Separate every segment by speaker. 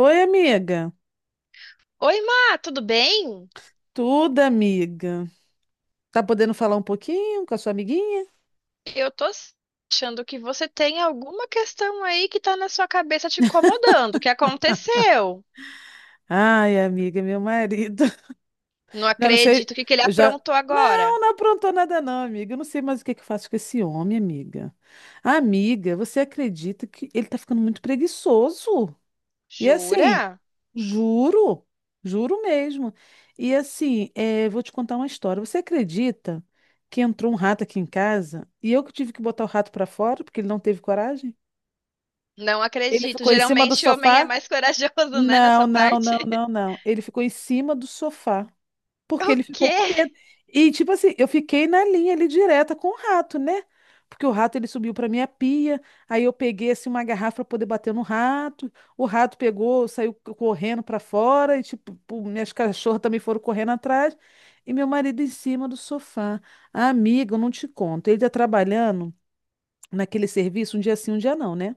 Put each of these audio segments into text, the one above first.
Speaker 1: Oi, amiga.
Speaker 2: Oi, Má, tudo bem?
Speaker 1: Tudo, amiga. Tá podendo falar um pouquinho com a sua amiguinha?
Speaker 2: Eu tô achando que você tem alguma questão aí que tá na sua cabeça te incomodando. O que aconteceu?
Speaker 1: Ai, amiga, meu marido.
Speaker 2: Não
Speaker 1: Não, não sei.
Speaker 2: acredito. O que que ele
Speaker 1: Eu já.
Speaker 2: aprontou
Speaker 1: Não,
Speaker 2: agora?
Speaker 1: não aprontou nada, não, amiga. Eu não sei mais o que que eu faço com esse homem, amiga. Amiga, você acredita que ele tá ficando muito preguiçoso? E assim,
Speaker 2: Jura?
Speaker 1: juro, juro mesmo. E assim, vou te contar uma história. Você acredita que entrou um rato aqui em casa e eu que tive que botar o rato pra fora porque ele não teve coragem?
Speaker 2: Não
Speaker 1: Ele
Speaker 2: acredito.
Speaker 1: ficou em cima do
Speaker 2: Geralmente homem é
Speaker 1: sofá?
Speaker 2: mais corajoso, né,
Speaker 1: Não,
Speaker 2: nessa
Speaker 1: não,
Speaker 2: parte.
Speaker 1: não, não, não. Ele ficou em cima do sofá.
Speaker 2: O
Speaker 1: Porque ele ficou
Speaker 2: quê?
Speaker 1: com medo. E, tipo assim, eu fiquei na linha ali direta com o rato, né? Porque o rato ele subiu pra minha pia. Aí eu peguei assim uma garrafa pra poder bater no rato. O rato pegou, saiu correndo pra fora. E, tipo, pô, minhas cachorras também foram correndo atrás. E meu marido em cima do sofá. Ah, amiga, eu não te conto. Ele tá trabalhando naquele serviço um dia sim, um dia não, né?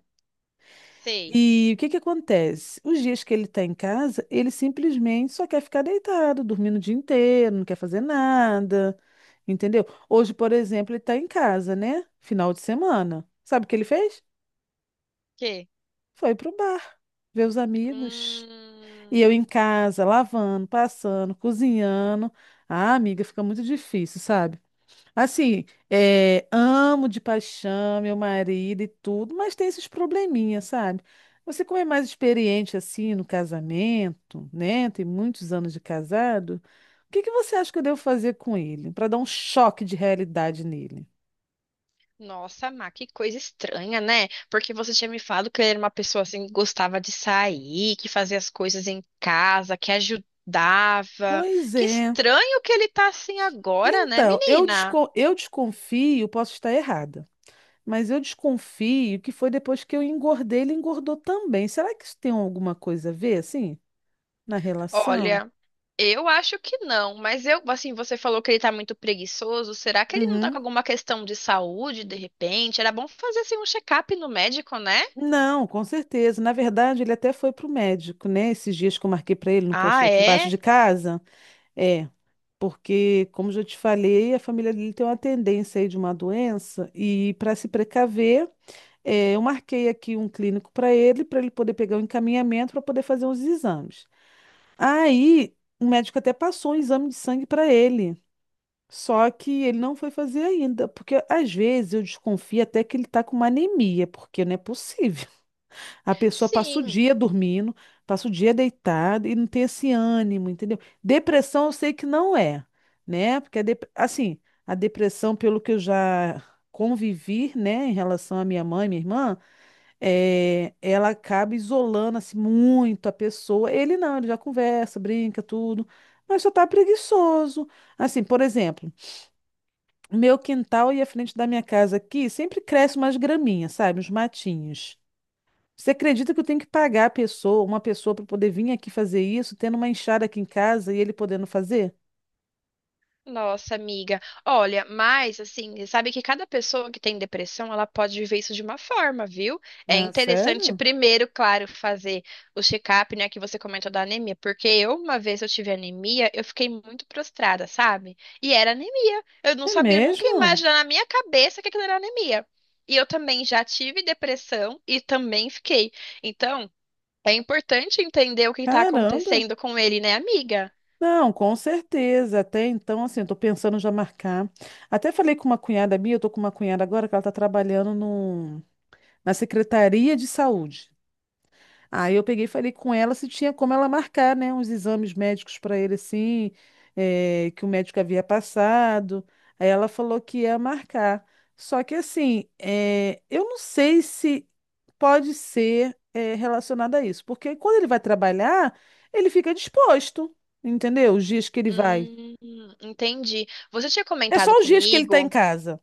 Speaker 2: Sei. O
Speaker 1: E o que que acontece? Os dias que ele está em casa, ele simplesmente só quer ficar deitado, dormindo o dia inteiro, não quer fazer nada, entendeu? Hoje, por exemplo, ele está em casa, né? Final de semana. Sabe o que ele fez?
Speaker 2: quê?
Speaker 1: Foi pro bar, ver os amigos. E eu em
Speaker 2: Hum.
Speaker 1: casa, lavando, passando, cozinhando. Ah, amiga, fica muito difícil, sabe? Assim, amo de paixão meu marido e tudo, mas tem esses probleminhas, sabe? Você, como é mais experiente assim no casamento, né? Tem muitos anos de casado. O que que você acha que eu devo fazer com ele para dar um choque de realidade nele?
Speaker 2: Nossa, Má, que coisa estranha, né? Porque você tinha me falado que ele era uma pessoa assim que gostava de sair, que fazia as coisas em casa, que ajudava.
Speaker 1: Pois
Speaker 2: Que
Speaker 1: é.
Speaker 2: estranho que ele tá assim agora, né,
Speaker 1: Então,
Speaker 2: menina?
Speaker 1: eu desconfio, posso estar errada, mas eu desconfio que foi depois que eu engordei, ele engordou também. Será que isso tem alguma coisa a ver, assim, na relação?
Speaker 2: Olha, eu acho que não, mas eu, assim, você falou que ele tá muito preguiçoso. Será que ele não tá com
Speaker 1: Uhum.
Speaker 2: alguma questão de saúde de repente? Era bom fazer assim um check-up no médico, né?
Speaker 1: Não, com certeza. Na verdade, ele até foi para o médico, né? Esses dias que eu marquei para ele no posto
Speaker 2: Ah,
Speaker 1: aqui embaixo
Speaker 2: é?
Speaker 1: de casa. É, porque, como já te falei, a família dele tem uma tendência aí de uma doença e para se precaver, eu marquei aqui um clínico para ele poder pegar o encaminhamento para poder fazer os exames. Aí, o médico até passou um exame de sangue para ele. Só que ele não foi fazer ainda, porque às vezes eu desconfio até que ele está com uma anemia, porque não é possível. A pessoa passa o
Speaker 2: Sim.
Speaker 1: dia dormindo, passa o dia deitada e não tem esse ânimo, entendeu? Depressão eu sei que não é, né? Porque assim, a depressão, pelo que eu já convivi, né, em relação à minha mãe, minha irmã, ela acaba isolando assim muito a pessoa. Ele não, ele já conversa, brinca, tudo, mas só tá preguiçoso. Assim, por exemplo, o meu quintal e a frente da minha casa aqui sempre cresce umas graminhas, sabe? Uns matinhos. Você acredita que eu tenho que pagar uma pessoa para poder vir aqui fazer isso, tendo uma enxada aqui em casa e ele podendo fazer?
Speaker 2: Nossa, amiga. Olha, mas assim, sabe que cada pessoa que tem depressão, ela pode viver isso de uma forma, viu? É
Speaker 1: Ah,
Speaker 2: interessante
Speaker 1: sério?
Speaker 2: primeiro, claro, fazer o check-up, né, que você comentou da anemia, porque eu uma vez eu tive anemia, eu fiquei muito prostrada, sabe? E era anemia. Eu não
Speaker 1: É
Speaker 2: sabia, eu nunca ia
Speaker 1: mesmo?
Speaker 2: imaginar na minha cabeça que aquilo era anemia. E eu também já tive depressão e também fiquei. Então, é importante entender o que está
Speaker 1: Caramba!
Speaker 2: acontecendo com ele, né, amiga?
Speaker 1: Não, com certeza. Até então, assim, eu tô pensando já marcar. Até falei com uma cunhada minha, eu tô com uma cunhada agora que ela tá trabalhando no, na Secretaria de Saúde. Aí eu peguei e falei com ela se tinha como ela marcar, né, uns exames médicos para ele, assim, que o médico havia passado. Aí ela falou que ia marcar. Só que, assim, eu não sei se pode ser, relacionado a isso, porque quando ele vai trabalhar, ele fica disposto, entendeu? Os dias que ele vai.
Speaker 2: Hum, entendi. Você tinha
Speaker 1: É só
Speaker 2: comentado
Speaker 1: os dias que ele está em
Speaker 2: comigo.
Speaker 1: casa.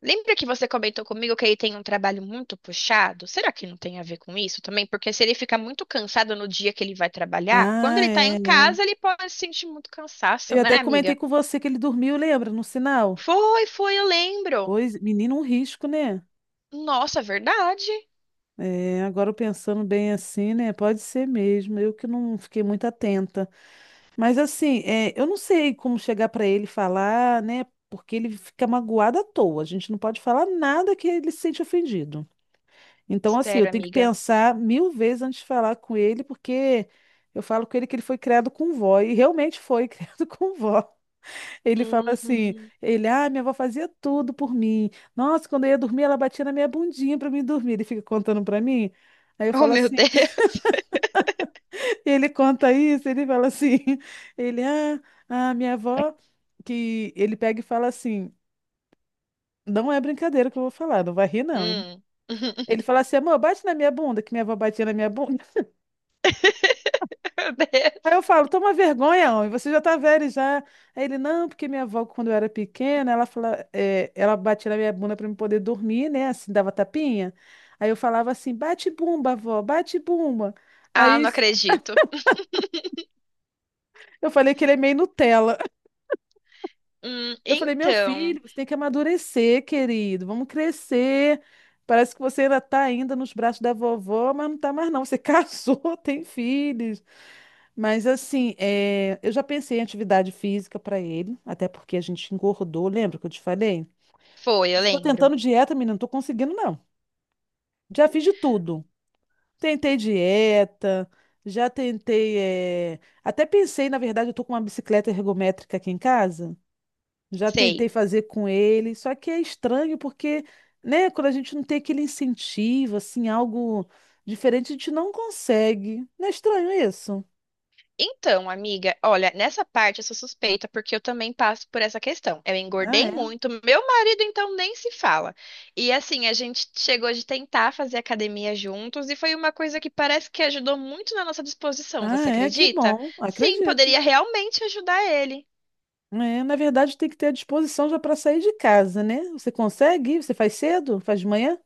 Speaker 2: Lembra que você comentou comigo que ele tem um trabalho muito puxado? Será que não tem a ver com isso também? Porque se ele fica muito cansado no dia que ele vai trabalhar, quando
Speaker 1: Ah,
Speaker 2: ele tá
Speaker 1: é.
Speaker 2: em
Speaker 1: É.
Speaker 2: casa, ele pode sentir muito cansaço,
Speaker 1: Eu até
Speaker 2: né,
Speaker 1: comentei
Speaker 2: amiga?
Speaker 1: com você que ele dormiu, lembra, no sinal?
Speaker 2: Foi, foi, eu lembro.
Speaker 1: Pois, menino, um risco, né?
Speaker 2: Nossa, verdade.
Speaker 1: É, agora pensando bem assim, né? Pode ser mesmo. Eu que não fiquei muito atenta. Mas assim, eu não sei como chegar para ele e falar, né? Porque ele fica magoado à toa. A gente não pode falar nada que ele se sente ofendido. Então, assim, eu
Speaker 2: Sério,
Speaker 1: tenho que
Speaker 2: amiga.
Speaker 1: pensar mil vezes antes de falar com ele, porque eu falo com ele que ele foi criado com vó, e realmente foi criado com vó. Ele fala assim,
Speaker 2: Hum.
Speaker 1: ele, ah, minha avó fazia tudo por mim. Nossa, quando eu ia dormir, ela batia na minha bundinha para mim dormir. Ele fica contando para mim. Aí eu
Speaker 2: Oh,
Speaker 1: falo
Speaker 2: meu
Speaker 1: assim,
Speaker 2: Deus.
Speaker 1: Ele conta isso, ele fala: a minha avó, que ele pega e fala assim, não é brincadeira que eu vou falar, não vai rir não, hein?
Speaker 2: Hum.
Speaker 1: Ele fala assim, amor, bate na minha bunda, que minha avó batia na minha bunda.
Speaker 2: Meu
Speaker 1: Aí eu
Speaker 2: Deus.
Speaker 1: falo, toma vergonha, homem, você já tá velho já. Aí ele, não, porque minha avó, quando eu era pequena, ela fala, é, ela batia na minha bunda para eu poder dormir, né? Assim, dava tapinha. Aí eu falava assim, bate bumba, avó, bate bumba.
Speaker 2: Ah,
Speaker 1: Aí
Speaker 2: não acredito.
Speaker 1: eu falei que ele é meio Nutella. Eu falei, meu
Speaker 2: Então,
Speaker 1: filho, você tem que amadurecer, querido. Vamos crescer. Parece que você ainda está ainda nos braços da vovó, mas não está mais não. Você casou, tem filhos. Mas assim, eu já pensei em atividade física para ele, até porque a gente engordou, lembra que eu te falei?
Speaker 2: foi, eu
Speaker 1: Estou
Speaker 2: lembro.
Speaker 1: tentando dieta, menina, não estou conseguindo não. Já fiz de tudo. Tentei dieta, já tentei, até pensei, na verdade, eu tô com uma bicicleta ergométrica aqui em casa. Já tentei
Speaker 2: Sei.
Speaker 1: fazer com ele, só que é estranho porque, né, quando a gente não tem aquele incentivo, assim, algo diferente, a gente não consegue. Não é estranho isso?
Speaker 2: Então, amiga, olha, nessa parte eu sou suspeita porque eu também passo por essa questão. Eu
Speaker 1: Ah,
Speaker 2: engordei
Speaker 1: é?
Speaker 2: muito, meu marido então nem se fala. E assim, a gente chegou de tentar fazer academia juntos e foi uma coisa que parece que ajudou muito na nossa disposição, você
Speaker 1: Ah, é, que
Speaker 2: acredita?
Speaker 1: bom,
Speaker 2: Sim,
Speaker 1: acredito.
Speaker 2: poderia realmente ajudar ele.
Speaker 1: É, na verdade, tem que ter a disposição já para sair de casa, né? Você consegue? Você faz cedo? Faz de manhã?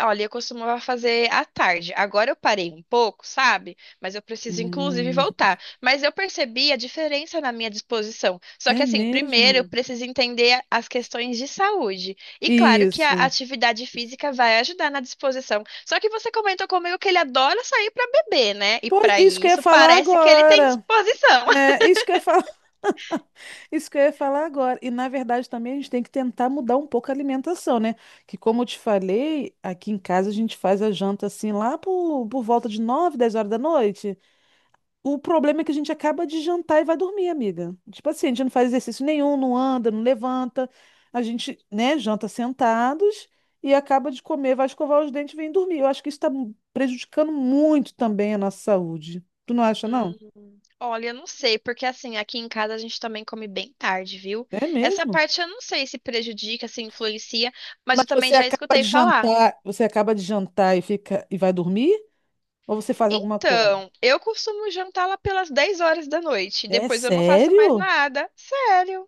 Speaker 2: Olha, eu costumava fazer à tarde. Agora eu parei um pouco, sabe? Mas eu preciso, inclusive,
Speaker 1: Hum,
Speaker 2: voltar. Mas eu percebi a diferença na minha disposição. Só
Speaker 1: é
Speaker 2: que, assim, primeiro eu
Speaker 1: mesmo?
Speaker 2: preciso entender as questões de saúde. E claro que a
Speaker 1: Isso.
Speaker 2: atividade física vai ajudar na disposição. Só que você comentou comigo que ele adora sair para beber, né? E
Speaker 1: Pô,
Speaker 2: para
Speaker 1: isso que eu ia
Speaker 2: isso
Speaker 1: falar
Speaker 2: parece que ele tem
Speaker 1: agora.
Speaker 2: disposição.
Speaker 1: É, isso que eu ia falar. Isso que eu ia falar agora. E na verdade também a gente tem que tentar mudar um pouco a alimentação, né? Que como eu te falei, aqui em casa a gente faz a janta assim lá por volta de 9, 10 horas da noite. O problema é que a gente acaba de jantar e vai dormir, amiga. Tipo assim, a gente não faz exercício nenhum, não anda, não levanta. A gente, né, janta sentados e acaba de comer, vai escovar os dentes e vem dormir. Eu acho que isso está prejudicando muito também a nossa saúde. Tu não acha, não?
Speaker 2: Olha, eu não sei, porque assim, aqui em casa a gente também come bem tarde, viu?
Speaker 1: É
Speaker 2: Essa
Speaker 1: mesmo?
Speaker 2: parte eu não sei se prejudica, se influencia, mas eu
Speaker 1: Mas
Speaker 2: também já escutei falar.
Speaker 1: você acaba de jantar e fica e vai dormir? Ou você faz alguma coisa?
Speaker 2: Então, eu costumo jantar lá pelas 10 horas da noite,
Speaker 1: É
Speaker 2: depois eu não faço mais
Speaker 1: sério?
Speaker 2: nada, sério.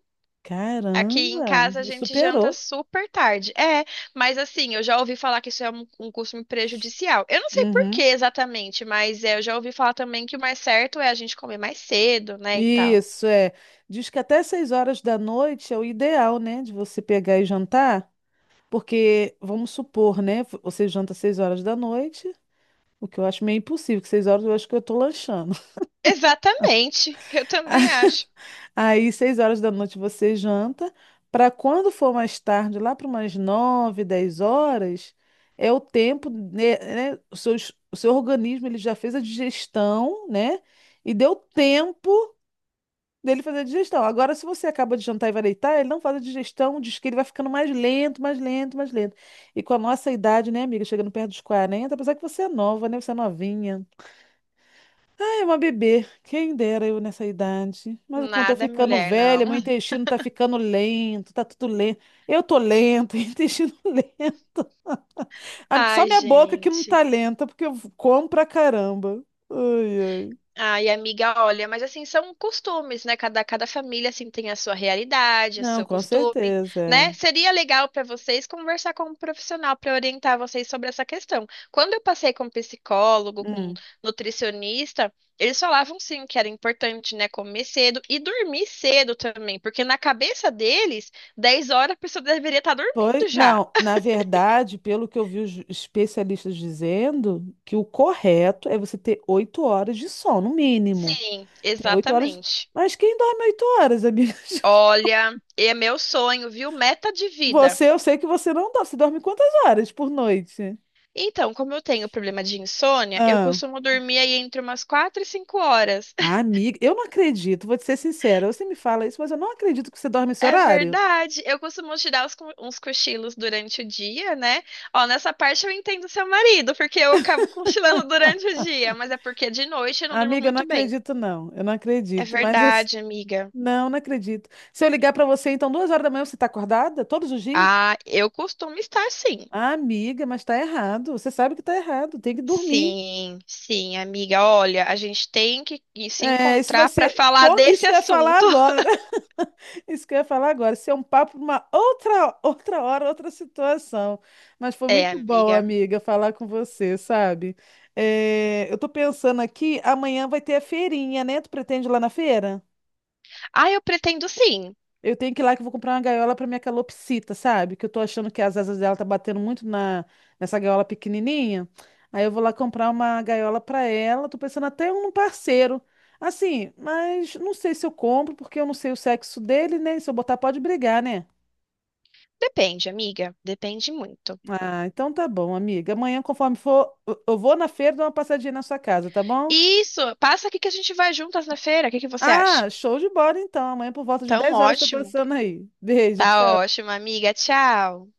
Speaker 2: Aqui em
Speaker 1: Caramba,
Speaker 2: casa a
Speaker 1: me
Speaker 2: gente janta
Speaker 1: superou.
Speaker 2: super tarde. É, mas assim, eu já ouvi falar que isso é um costume prejudicial. Eu não sei por que
Speaker 1: Uhum.
Speaker 2: exatamente, mas é, eu já ouvi falar também que o mais certo é a gente comer mais cedo, né, e tal.
Speaker 1: Isso é. Diz que até 6 horas da noite é o ideal, né, de você pegar e jantar, porque vamos supor, né, você janta 6 horas da noite, o que eu acho meio impossível, que 6 horas eu acho que eu tô lanchando.
Speaker 2: Exatamente, eu também acho.
Speaker 1: Aí, 6 horas da noite você janta, para quando for mais tarde, lá para umas 9, 10 horas, é o tempo, né, né, o seu, o seu organismo ele já fez a digestão, né? E deu tempo dele fazer a digestão. Agora, se você acaba de jantar e vai deitar, ele não faz a digestão, diz que ele vai ficando mais lento, mais lento, mais lento. E com a nossa idade, né, amiga, chegando perto dos 40, apesar que você é nova, né? Você é novinha. É uma bebê, quem dera eu nessa idade. Mas quando eu tô
Speaker 2: Nada,
Speaker 1: ficando
Speaker 2: mulher,
Speaker 1: velha,
Speaker 2: não.
Speaker 1: meu intestino tá ficando lento, tá tudo lento. Eu tô lenta, intestino lento. Só
Speaker 2: Ai,
Speaker 1: minha boca que não
Speaker 2: gente.
Speaker 1: tá lenta, porque eu como pra caramba. Ai, ai.
Speaker 2: Ai, amiga, olha, mas assim, são costumes, né? Cada família, assim, tem a sua realidade, o
Speaker 1: Não,
Speaker 2: seu
Speaker 1: com
Speaker 2: costume,
Speaker 1: certeza.
Speaker 2: né?
Speaker 1: É.
Speaker 2: Seria legal para vocês conversar com um profissional para orientar vocês sobre essa questão. Quando eu passei com um psicólogo, com um
Speaker 1: Hum.
Speaker 2: nutricionista, eles falavam, sim, que era importante, né, comer cedo e dormir cedo também, porque na cabeça deles, 10 horas a pessoa deveria estar
Speaker 1: Pois,
Speaker 2: dormindo já.
Speaker 1: não, na verdade, pelo que eu vi os especialistas dizendo, que o correto é você ter 8 horas de sono, no mínimo.
Speaker 2: Sim,
Speaker 1: Tem 8 horas.
Speaker 2: exatamente.
Speaker 1: Mas quem dorme 8 horas, amiga?
Speaker 2: Olha, é meu sonho, viu? Meta de vida.
Speaker 1: Você, eu sei que você não dorme. Você dorme quantas horas por noite?
Speaker 2: Então, como eu tenho problema de insônia, eu
Speaker 1: Ah,
Speaker 2: costumo dormir aí entre umas 4 e 5 horas.
Speaker 1: amiga, eu não acredito, vou te ser sincera. Você me fala isso, mas eu não acredito que você dorme esse
Speaker 2: É
Speaker 1: horário.
Speaker 2: verdade. Eu costumo tirar uns cochilos durante o dia, né? Ó, nessa parte eu entendo seu marido, porque eu acabo cochilando durante o dia, mas é porque de noite eu não durmo
Speaker 1: Amiga, eu não
Speaker 2: muito bem.
Speaker 1: acredito, não. Eu não
Speaker 2: É
Speaker 1: acredito, mas assim,
Speaker 2: verdade, amiga.
Speaker 1: não acredito. Se eu ligar pra você, então, 2 horas da manhã, você tá acordada? Todos os dias?
Speaker 2: Ah, eu costumo estar sim.
Speaker 1: Ah, amiga, mas tá errado. Você sabe que tá errado. Tem que dormir.
Speaker 2: Sim, sim, amiga. Olha, a gente tem que se encontrar para falar
Speaker 1: Isso
Speaker 2: desse
Speaker 1: que eu ia falar
Speaker 2: assunto.
Speaker 1: agora. Isso que eu ia falar agora. Isso é um papo para uma outra hora, outra situação. Mas foi
Speaker 2: É,
Speaker 1: muito bom,
Speaker 2: amiga.
Speaker 1: amiga, falar com você, sabe? É, eu tô pensando aqui, amanhã vai ter a feirinha, né? Tu pretende ir lá na feira?
Speaker 2: Ah, eu pretendo sim.
Speaker 1: Eu tenho que ir lá que eu vou comprar uma gaiola para minha calopsita, sabe? Que eu tô achando que as asas dela tá batendo muito na nessa gaiola pequenininha. Aí eu vou lá comprar uma gaiola para ela. Tô pensando até um parceiro. Assim, mas não sei se eu compro, porque eu não sei o sexo dele, né? Se eu botar, pode brigar, né?
Speaker 2: Depende, amiga. Depende muito.
Speaker 1: Ah, então tá bom, amiga. Amanhã, conforme for, eu vou na feira dar uma passadinha na sua casa, tá bom?
Speaker 2: Isso, passa aqui que a gente vai juntas na feira. O que que você acha?
Speaker 1: Ah, show de bola então. Amanhã por volta de
Speaker 2: Tão
Speaker 1: 10 horas estou
Speaker 2: ótimo.
Speaker 1: passando aí. Beijo,
Speaker 2: Tá
Speaker 1: tchau.
Speaker 2: ótimo, amiga. Tchau.